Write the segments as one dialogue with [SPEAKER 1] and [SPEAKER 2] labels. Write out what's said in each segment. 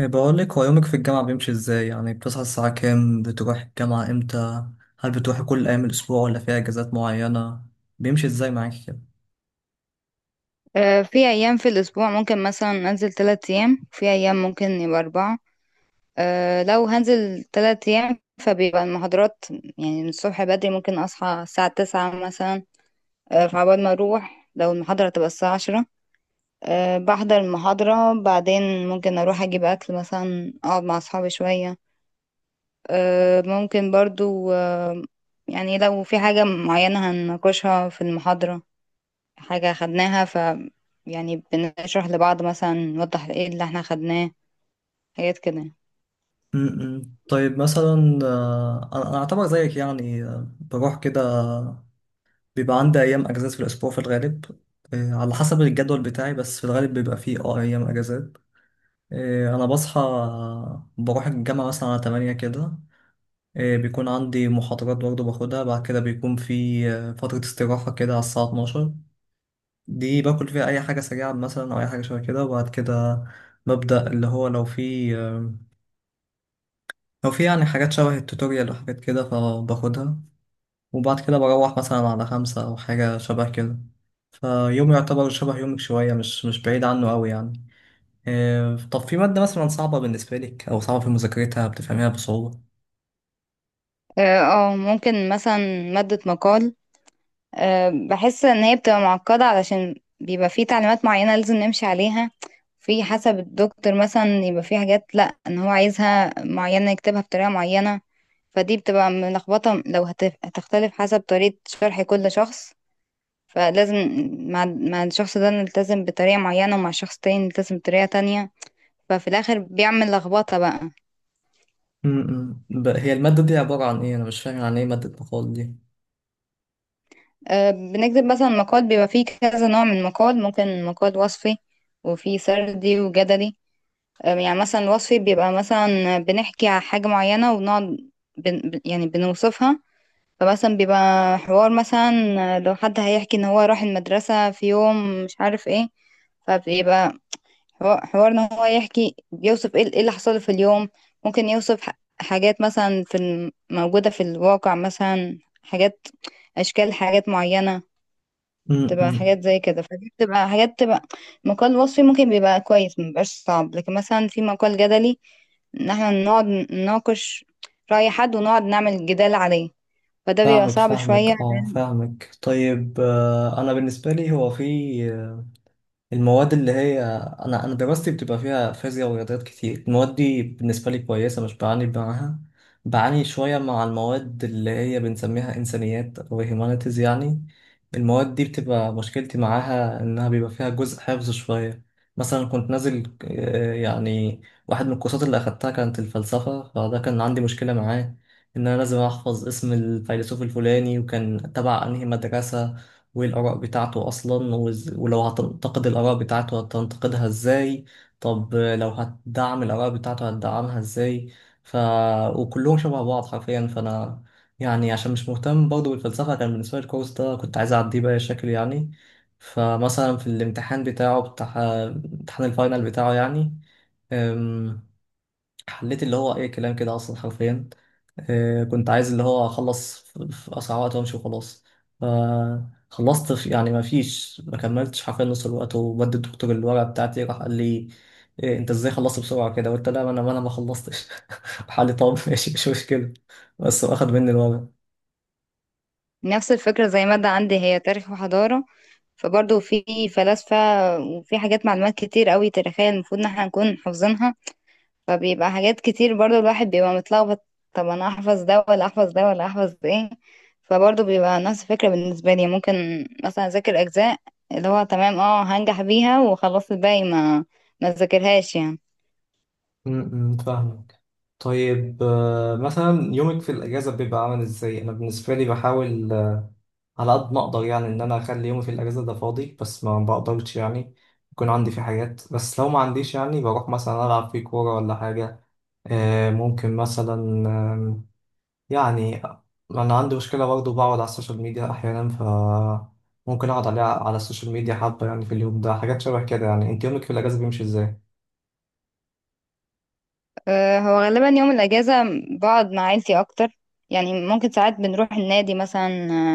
[SPEAKER 1] بقول لك، هو يومك في الجامعة بيمشي ازاي؟ يعني بتصحى الساعة كام؟ بتروح الجامعة امتى؟ هل بتروحي كل أيام الأسبوع ولا في أجازات معينة؟ بيمشي ازاي معاكي كده؟
[SPEAKER 2] في أيام في الأسبوع ممكن مثلا أنزل تلات أيام، في أيام ممكن يبقى أربعة. لو هنزل تلات أيام فبيبقى المحاضرات يعني من الصبح بدري، ممكن أصحى الساعة تسعة مثلا. فعبال ما أروح لو المحاضرة تبقى الساعة عشرة. بحضر المحاضرة، بعدين ممكن أروح أجيب أكل مثلا، أقعد مع أصحابي شوية. ممكن برضو يعني لو في حاجة معينة هنناقشها في المحاضرة، حاجة خدناها يعني بنشرح لبعض مثلا، نوضح ايه اللي احنا خدناه، حاجات كده.
[SPEAKER 1] م- م. طيب مثلا أنا أعتبر زيك، يعني بروح كده. بيبقى عندي أيام أجازات في الأسبوع في الغالب. على حسب الجدول بتاعي، بس في الغالب بيبقى فيه أيام أجازات. أنا بصحى، بروح الجامعة مثلا على تمانية كده. بيكون عندي محاضرات برضه باخدها، بعد كده بيكون في فترة استراحة كده على الساعة 12. دي باكل فيها أي حاجة سريعة مثلا، أو أي حاجة شبه كده. وبعد كده ببدأ اللي هو لو في يعني حاجات شبه التوتوريال وحاجات كده فباخدها. وبعد كده بروح مثلا على خمسة أو حاجة شبه كده. فيوم يعتبر شبه يومك شوية، مش بعيد عنه أوي يعني. طب في مادة مثلا صعبة بالنسبة لك، أو صعبة في مذاكرتها بتفهميها بصعوبة؟
[SPEAKER 2] اه. ممكن مثلا مادة مقال. بحس ان هي بتبقى معقدة، علشان بيبقى في تعليمات معينة لازم نمشي عليها. في حسب الدكتور مثلا يبقى في حاجات، لا ان هو عايزها معينة يكتبها بطريقة معينة. فدي بتبقى ملخبطة، لو هتختلف حسب طريقة شرح كل شخص. فلازم مع الشخص ده نلتزم بطريقة معينة، ومع شخص تاني نلتزم بطريقة تانية. ففي الاخر بيعمل لخبطه بقى.
[SPEAKER 1] هي المادة دي عبارة عن ايه؟ انا مش فاهم يعني ايه مادة مقال دي.
[SPEAKER 2] بنكتب مثلا مقال، بيبقى فيه كذا نوع من المقال، ممكن مقال وصفي وفي سردي وجدلي. يعني مثلا الوصفي بيبقى مثلا بنحكي على حاجه معينه، ونقعد يعني بنوصفها. فمثلا بيبقى حوار مثلا، لو حد هيحكي ان هو راح المدرسه في يوم مش عارف ايه، فبيبقى حوارنا هو يحكي بيوصف ايه، إيه اللي حصل في اليوم. ممكن يوصف حاجات مثلا في موجودة في الواقع، مثلا حاجات، أشكال، حاجات معينة. تبقى
[SPEAKER 1] امم
[SPEAKER 2] حاجات زي كده. فدي بتبقى حاجات تبقى مقال وصفي، ممكن بيبقى كويس، مبيبقاش صعب. لكن مثلا في مقال جدلي، إن احنا نقعد نناقش رأي حد ونقعد نعمل جدال عليه. فده بيبقى
[SPEAKER 1] فاهمك،
[SPEAKER 2] صعب شوية،
[SPEAKER 1] فاهمك،
[SPEAKER 2] لأن
[SPEAKER 1] فاهمك. طيب انا بالنسبة لي، هو في المواد اللي هي، انا دراستي بتبقى فيها فيزياء ورياضيات كتير. المواد دي بالنسبه لي كويسه، مش بعاني معاها. بعاني شويه مع المواد اللي هي بنسميها انسانيات او هيومانيتيز يعني. المواد دي بتبقى مشكلتي معاها انها بيبقى فيها جزء حفظ شويه. مثلا كنت نازل يعني واحد من الكورسات اللي اخدتها كانت الفلسفه، فده كان عندي مشكله معاه. ان انا لازم احفظ اسم الفيلسوف الفلاني، وكان تبع انهي مدرسه، وايه الآراء بتاعته أصلا. ولو هتنتقد الآراء بتاعته هتنتقدها ازاي؟ طب لو هتدعم الآراء بتاعته هتدعمها ازاي؟ ف وكلهم شبه بعض حرفيا. فأنا يعني عشان مش مهتم برضه بالفلسفة، كان بالنسبة لي الكورس ده كنت عايز أعديه بأي شكل يعني. فمثلا في الامتحان بتاع امتحان الفاينل بتاعه يعني، حليت اللي هو اي كلام كده اصلا حرفيا. كنت عايز اللي هو اخلص في اسرع وقت وامشي وخلاص. فخلصت في، يعني ما كملتش حرفيا نص الوقت، وبدي الدكتور الورقه بتاعتي. راح قال لي: إيه انت ازاي خلصت بسرعه كده؟ قلت: لا، ما انا ما خلصتش. راح قال لي: طب ماشي مش مشكله، بس هو اخد مني الورقه.
[SPEAKER 2] نفس الفكرة زي مادة عندي، هي تاريخ وحضارة. فبرضه في فلاسفة وفي حاجات، معلومات كتير قوي تاريخية المفروض ان احنا نكون حافظينها. فبيبقى حاجات كتير، برضه الواحد بيبقى متلخبط. طب انا احفظ ده ولا احفظ ده ولا احفظ ده ايه؟ فبرضه بيبقى نفس الفكرة بالنسبة لي. ممكن مثلا اذاكر اجزاء اللي هو تمام، اه هنجح بيها وخلاص، الباقي ما ذاكرهاش يعني.
[SPEAKER 1] فاهمك. طيب مثلا يومك في الأجازة بيبقى عامل إزاي؟ أنا بالنسبة لي بحاول على قد ما اقدر يعني ان انا اخلي يومي في الاجازه ده فاضي، بس ما بقدرش يعني يكون عندي في حاجات. بس لو ما عنديش يعني بروح مثلا العب في كوره ولا حاجه. ممكن مثلا آم، يعني انا عندي مشكله برضه بقعد على السوشيال ميديا احيانا. ممكن اقعد عليها على السوشيال ميديا حبه يعني في اليوم ده، حاجات شبه كده. يعني انت يومك في الاجازه بيمشي ازاي؟
[SPEAKER 2] هو غالبا يوم الاجازة بقعد مع عيلتي اكتر. يعني ممكن ساعات بنروح النادي مثلا،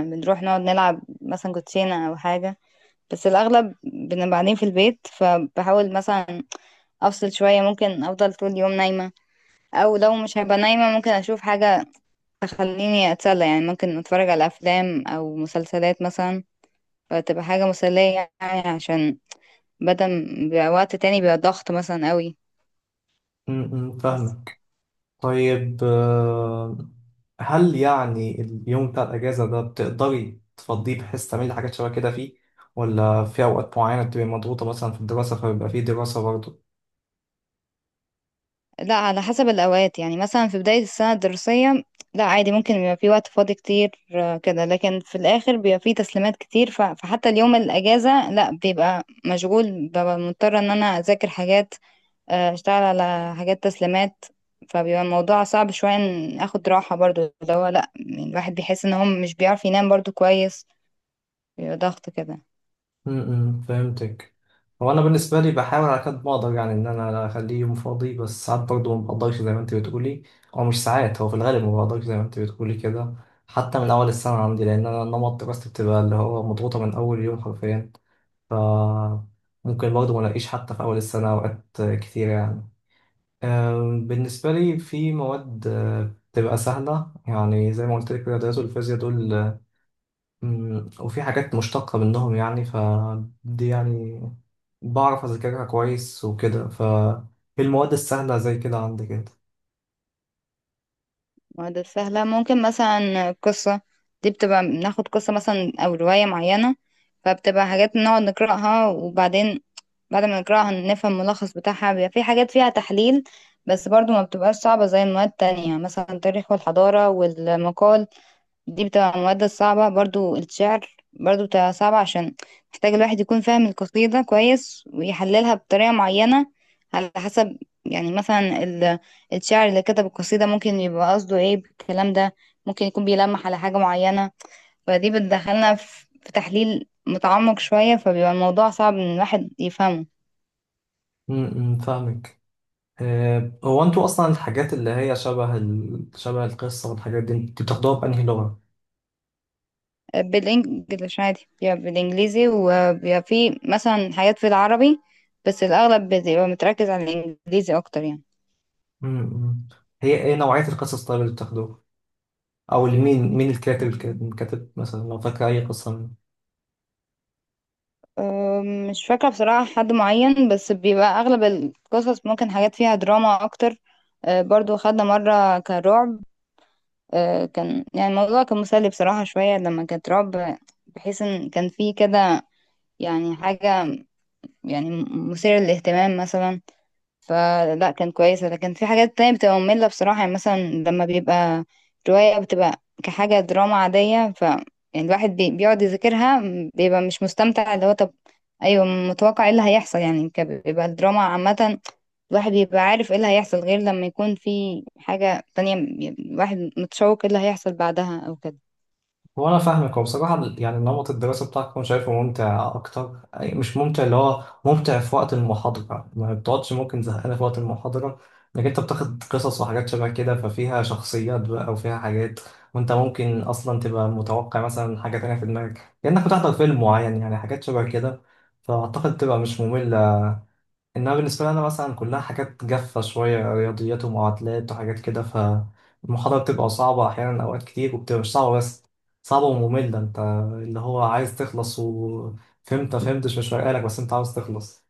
[SPEAKER 2] بنروح نقعد نلعب مثلا كوتشينة او حاجة. بس الأغلب بنبقى قاعدين في البيت، فبحاول مثلا أفصل شوية. ممكن أفضل طول اليوم نايمة، أو لو مش هبقى نايمة ممكن أشوف حاجة تخليني أتسلى. يعني ممكن أتفرج على أفلام أو مسلسلات مثلا، فتبقى حاجة مسلية يعني، عشان بدل ما بيبقى وقت تاني بيبقى ضغط مثلا قوي. بس
[SPEAKER 1] فاهمه. طيب هل يعني اليوم بتاع الأجازة ده بتقدري تفضيه بحيث تعملي حاجات شبه كده فيه، ولا في أوقات معينة بتبقي مضغوطة مثلا في الدراسة فبيبقى فيه دراسة برضه؟
[SPEAKER 2] لا، على حسب الأوقات. يعني مثلا في بداية السنة الدراسية، لا عادي ممكن يبقى في وقت فاضي كتير كده. لكن في الآخر بيبقى في تسليمات كتير، فحتى اليوم الأجازة لا، بيبقى مشغول. ببقى مضطرة إن أنا أذاكر حاجات، أشتغل على حاجات تسليمات. فبيبقى الموضوع صعب شوية إن أخد راحة برضو، اللي هو لا يعني الواحد بيحس إن هو مش بيعرف ينام برضو كويس. بيبقى ضغط كده.
[SPEAKER 1] فهمتك. هو أنا بالنسبة لي بحاول على قد ما أقدر يعني إن أنا أخليه يوم فاضي، بس ساعات برضه ما بقدرش زي ما أنت بتقولي. أو مش ساعات، هو في الغالب ما بقدرش زي ما أنت بتقولي كده، حتى من أول السنة عندي، لأن أنا نمط دراستي بتبقى اللي هو مضغوطة من أول يوم حرفيا. ف ممكن برضه ما الاقيش حتى في اول السنه اوقات كتير يعني. بالنسبه لي في مواد بتبقى سهله، يعني زي ما قلت لك الرياضيات والفيزياء دول، وفي حاجات مشتقه منهم يعني، فدي يعني بعرف اذاكرها كويس وكده. المواد السهله زي كده عندي كده.
[SPEAKER 2] معادلة سهلة ممكن مثلا قصة. دي بتبقى بناخد قصة مثلا أو رواية معينة، فبتبقى حاجات نقعد نقرأها. وبعدين بعد ما نقرأها نفهم الملخص بتاعها، بيبقى في حاجات فيها تحليل. بس برضو ما بتبقاش صعبة زي المواد التانية، مثلا التاريخ والحضارة والمقال. دي بتبقى المواد الصعبة. برضو الشعر برضو بتبقى صعبة، عشان محتاج الواحد يكون فاهم القصيدة كويس، ويحللها بطريقة معينة، على حسب يعني مثلا الشاعر اللي كتب القصيدة ممكن يبقى قصده ايه بالكلام ده. ممكن يكون بيلمح على حاجة معينة. فدي بتدخلنا في تحليل متعمق شوية، فبيبقى الموضوع صعب ان الواحد يفهمه.
[SPEAKER 1] م. فاهمك. هو انتوا اصلا الحاجات اللي هي شبه القصه والحاجات دي، انتوا بتاخدوها بانهي لغه؟
[SPEAKER 2] بالانجلش عادي، بيبقى بالانجليزي، وبيبقى فيه مثلا حاجات في العربي، بس الأغلب بيبقى متركز على الإنجليزي أكتر يعني.
[SPEAKER 1] م. هي ايه نوعيه القصص طيب اللي بتاخدوها؟ او مين الكاتب كاتب مثلا، لو فاكر اي قصه منه.
[SPEAKER 2] مش فاكرة بصراحة حد معين، بس بيبقى أغلب القصص ممكن حاجات فيها دراما أكتر. برضو خدنا مرة كان رعب. كان يعني الموضوع كان مسلي بصراحة شوية لما كانت رعب، بحيث إن كان فيه كده يعني حاجة، يعني مثيرة للاهتمام مثلا. فلا كان كويس. لكن في حاجات تانية بتبقى مملة بصراحة، يعني مثلا لما بيبقى رواية بتبقى كحاجة دراما عادية. يعني الواحد بيقعد يذاكرها، بيبقى مش مستمتع. اللي هو طب ايوه، متوقع ايه اللي هيحصل يعني، بيبقى الدراما عامة، الواحد بيبقى عارف ايه اللي هيحصل، غير لما يكون في حاجة تانية يعني الواحد متشوق ايه اللي هيحصل بعدها او كده.
[SPEAKER 1] هو انا فاهمك. هو بصراحه يعني نمط الدراسه بتاعك انا شايفه ممتع اكتر، مش ممتع، اللي هو ممتع في وقت المحاضره، ما بتقعدش ممكن زهقانه في وقت المحاضره، انك انت بتاخد قصص وحاجات شبه كده، ففيها شخصيات بقى وفيها حاجات، وانت ممكن اصلا تبقى متوقع مثلا حاجه تانية في دماغك، كانك بتحضر فيلم معين يعني، حاجات شبه كده. فاعتقد تبقى مش ممله. انها بالنسبه لي انا مثلا، كلها حاجات جافه شويه، رياضيات ومعادلات وحاجات كده، فالمحاضره بتبقى صعبه احيانا اوقات كتير، وبتبقى مش صعبه بس، صعبه وممله. انت اللي هو عايز تخلص، وفهمت فهمتش مش فارقه لك، بس انت عاوز تخلص.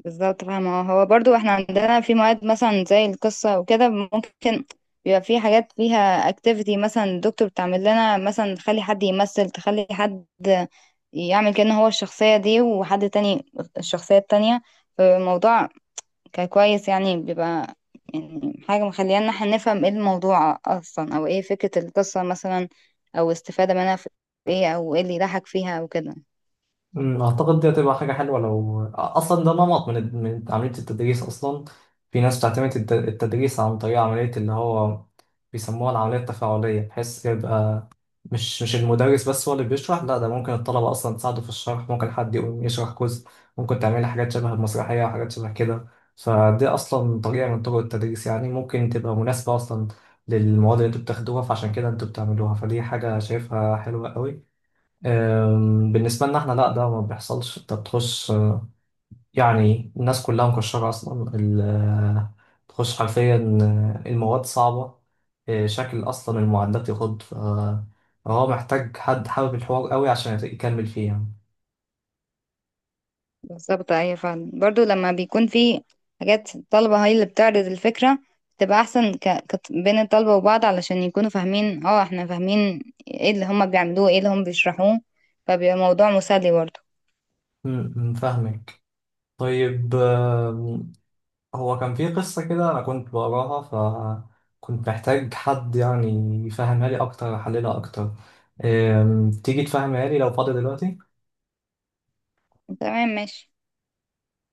[SPEAKER 2] بالظبط، فاهمة. هو برضو احنا عندنا في مواد مثلا زي القصة وكده، ممكن بيبقى في حاجات فيها اكتيفيتي. مثلا الدكتور بتعمل لنا مثلا، تخلي حد يمثل، تخلي حد يعمل كأنه هو الشخصية دي، وحد تاني الشخصية التانية. فالموضوع كان كويس يعني. بيبقى يعني حاجة مخلينا احنا نفهم ايه الموضوع اصلا، او ايه فكرة القصة مثلا، او استفادة منها في ايه، او ايه اللي يضحك فيها او كده.
[SPEAKER 1] اعتقد دي هتبقى حاجه حلوه لو اصلا ده نمط من عمليه التدريس اصلا. في ناس بتعتمد التدريس عن طريق عمليه اللي هو بيسموها العملية التفاعلية، بحيث يبقى مش المدرس بس هو اللي بيشرح، لا ده ممكن الطلبة أصلا تساعده في الشرح، ممكن حد يقوم يشرح جزء، ممكن تعملي حاجات شبه المسرحية وحاجات شبه كده. فدي أصلا طريقة من طرق التدريس يعني، ممكن تبقى مناسبة أصلا للمواد اللي انتوا بتاخدوها، فعشان كده انتوا بتعملوها، فدي حاجة شايفها حلوة قوي. بالنسبة لنا احنا لا، ده ما بيحصلش. انت بتخش يعني الناس كلها مكشرة أصلا. تخش حرفيا، المواد صعبة، شكل أصلا المعدات يخض. فهو محتاج حد حابب الحوار قوي عشان يكمل فيه يعني.
[SPEAKER 2] بالظبط ايوه، فعلا. برضو لما بيكون في حاجات الطلبة هي اللي بتعرض الفكرة، بتبقى احسن بين الطلبة وبعض، علشان يكونوا فاهمين احنا فاهمين ايه اللي هما بيعملوه، ايه اللي هما بيشرحوه. فبيبقى موضوع مسلي برضو.
[SPEAKER 1] م. فاهمك. طيب هو كان في قصة كده أنا كنت بقراها، فكنت محتاج حد يعني يفهمها لي أكتر، يحللها أكتر. تيجي تفهمها لي لو فاضي دلوقتي؟
[SPEAKER 2] تمام ماشي.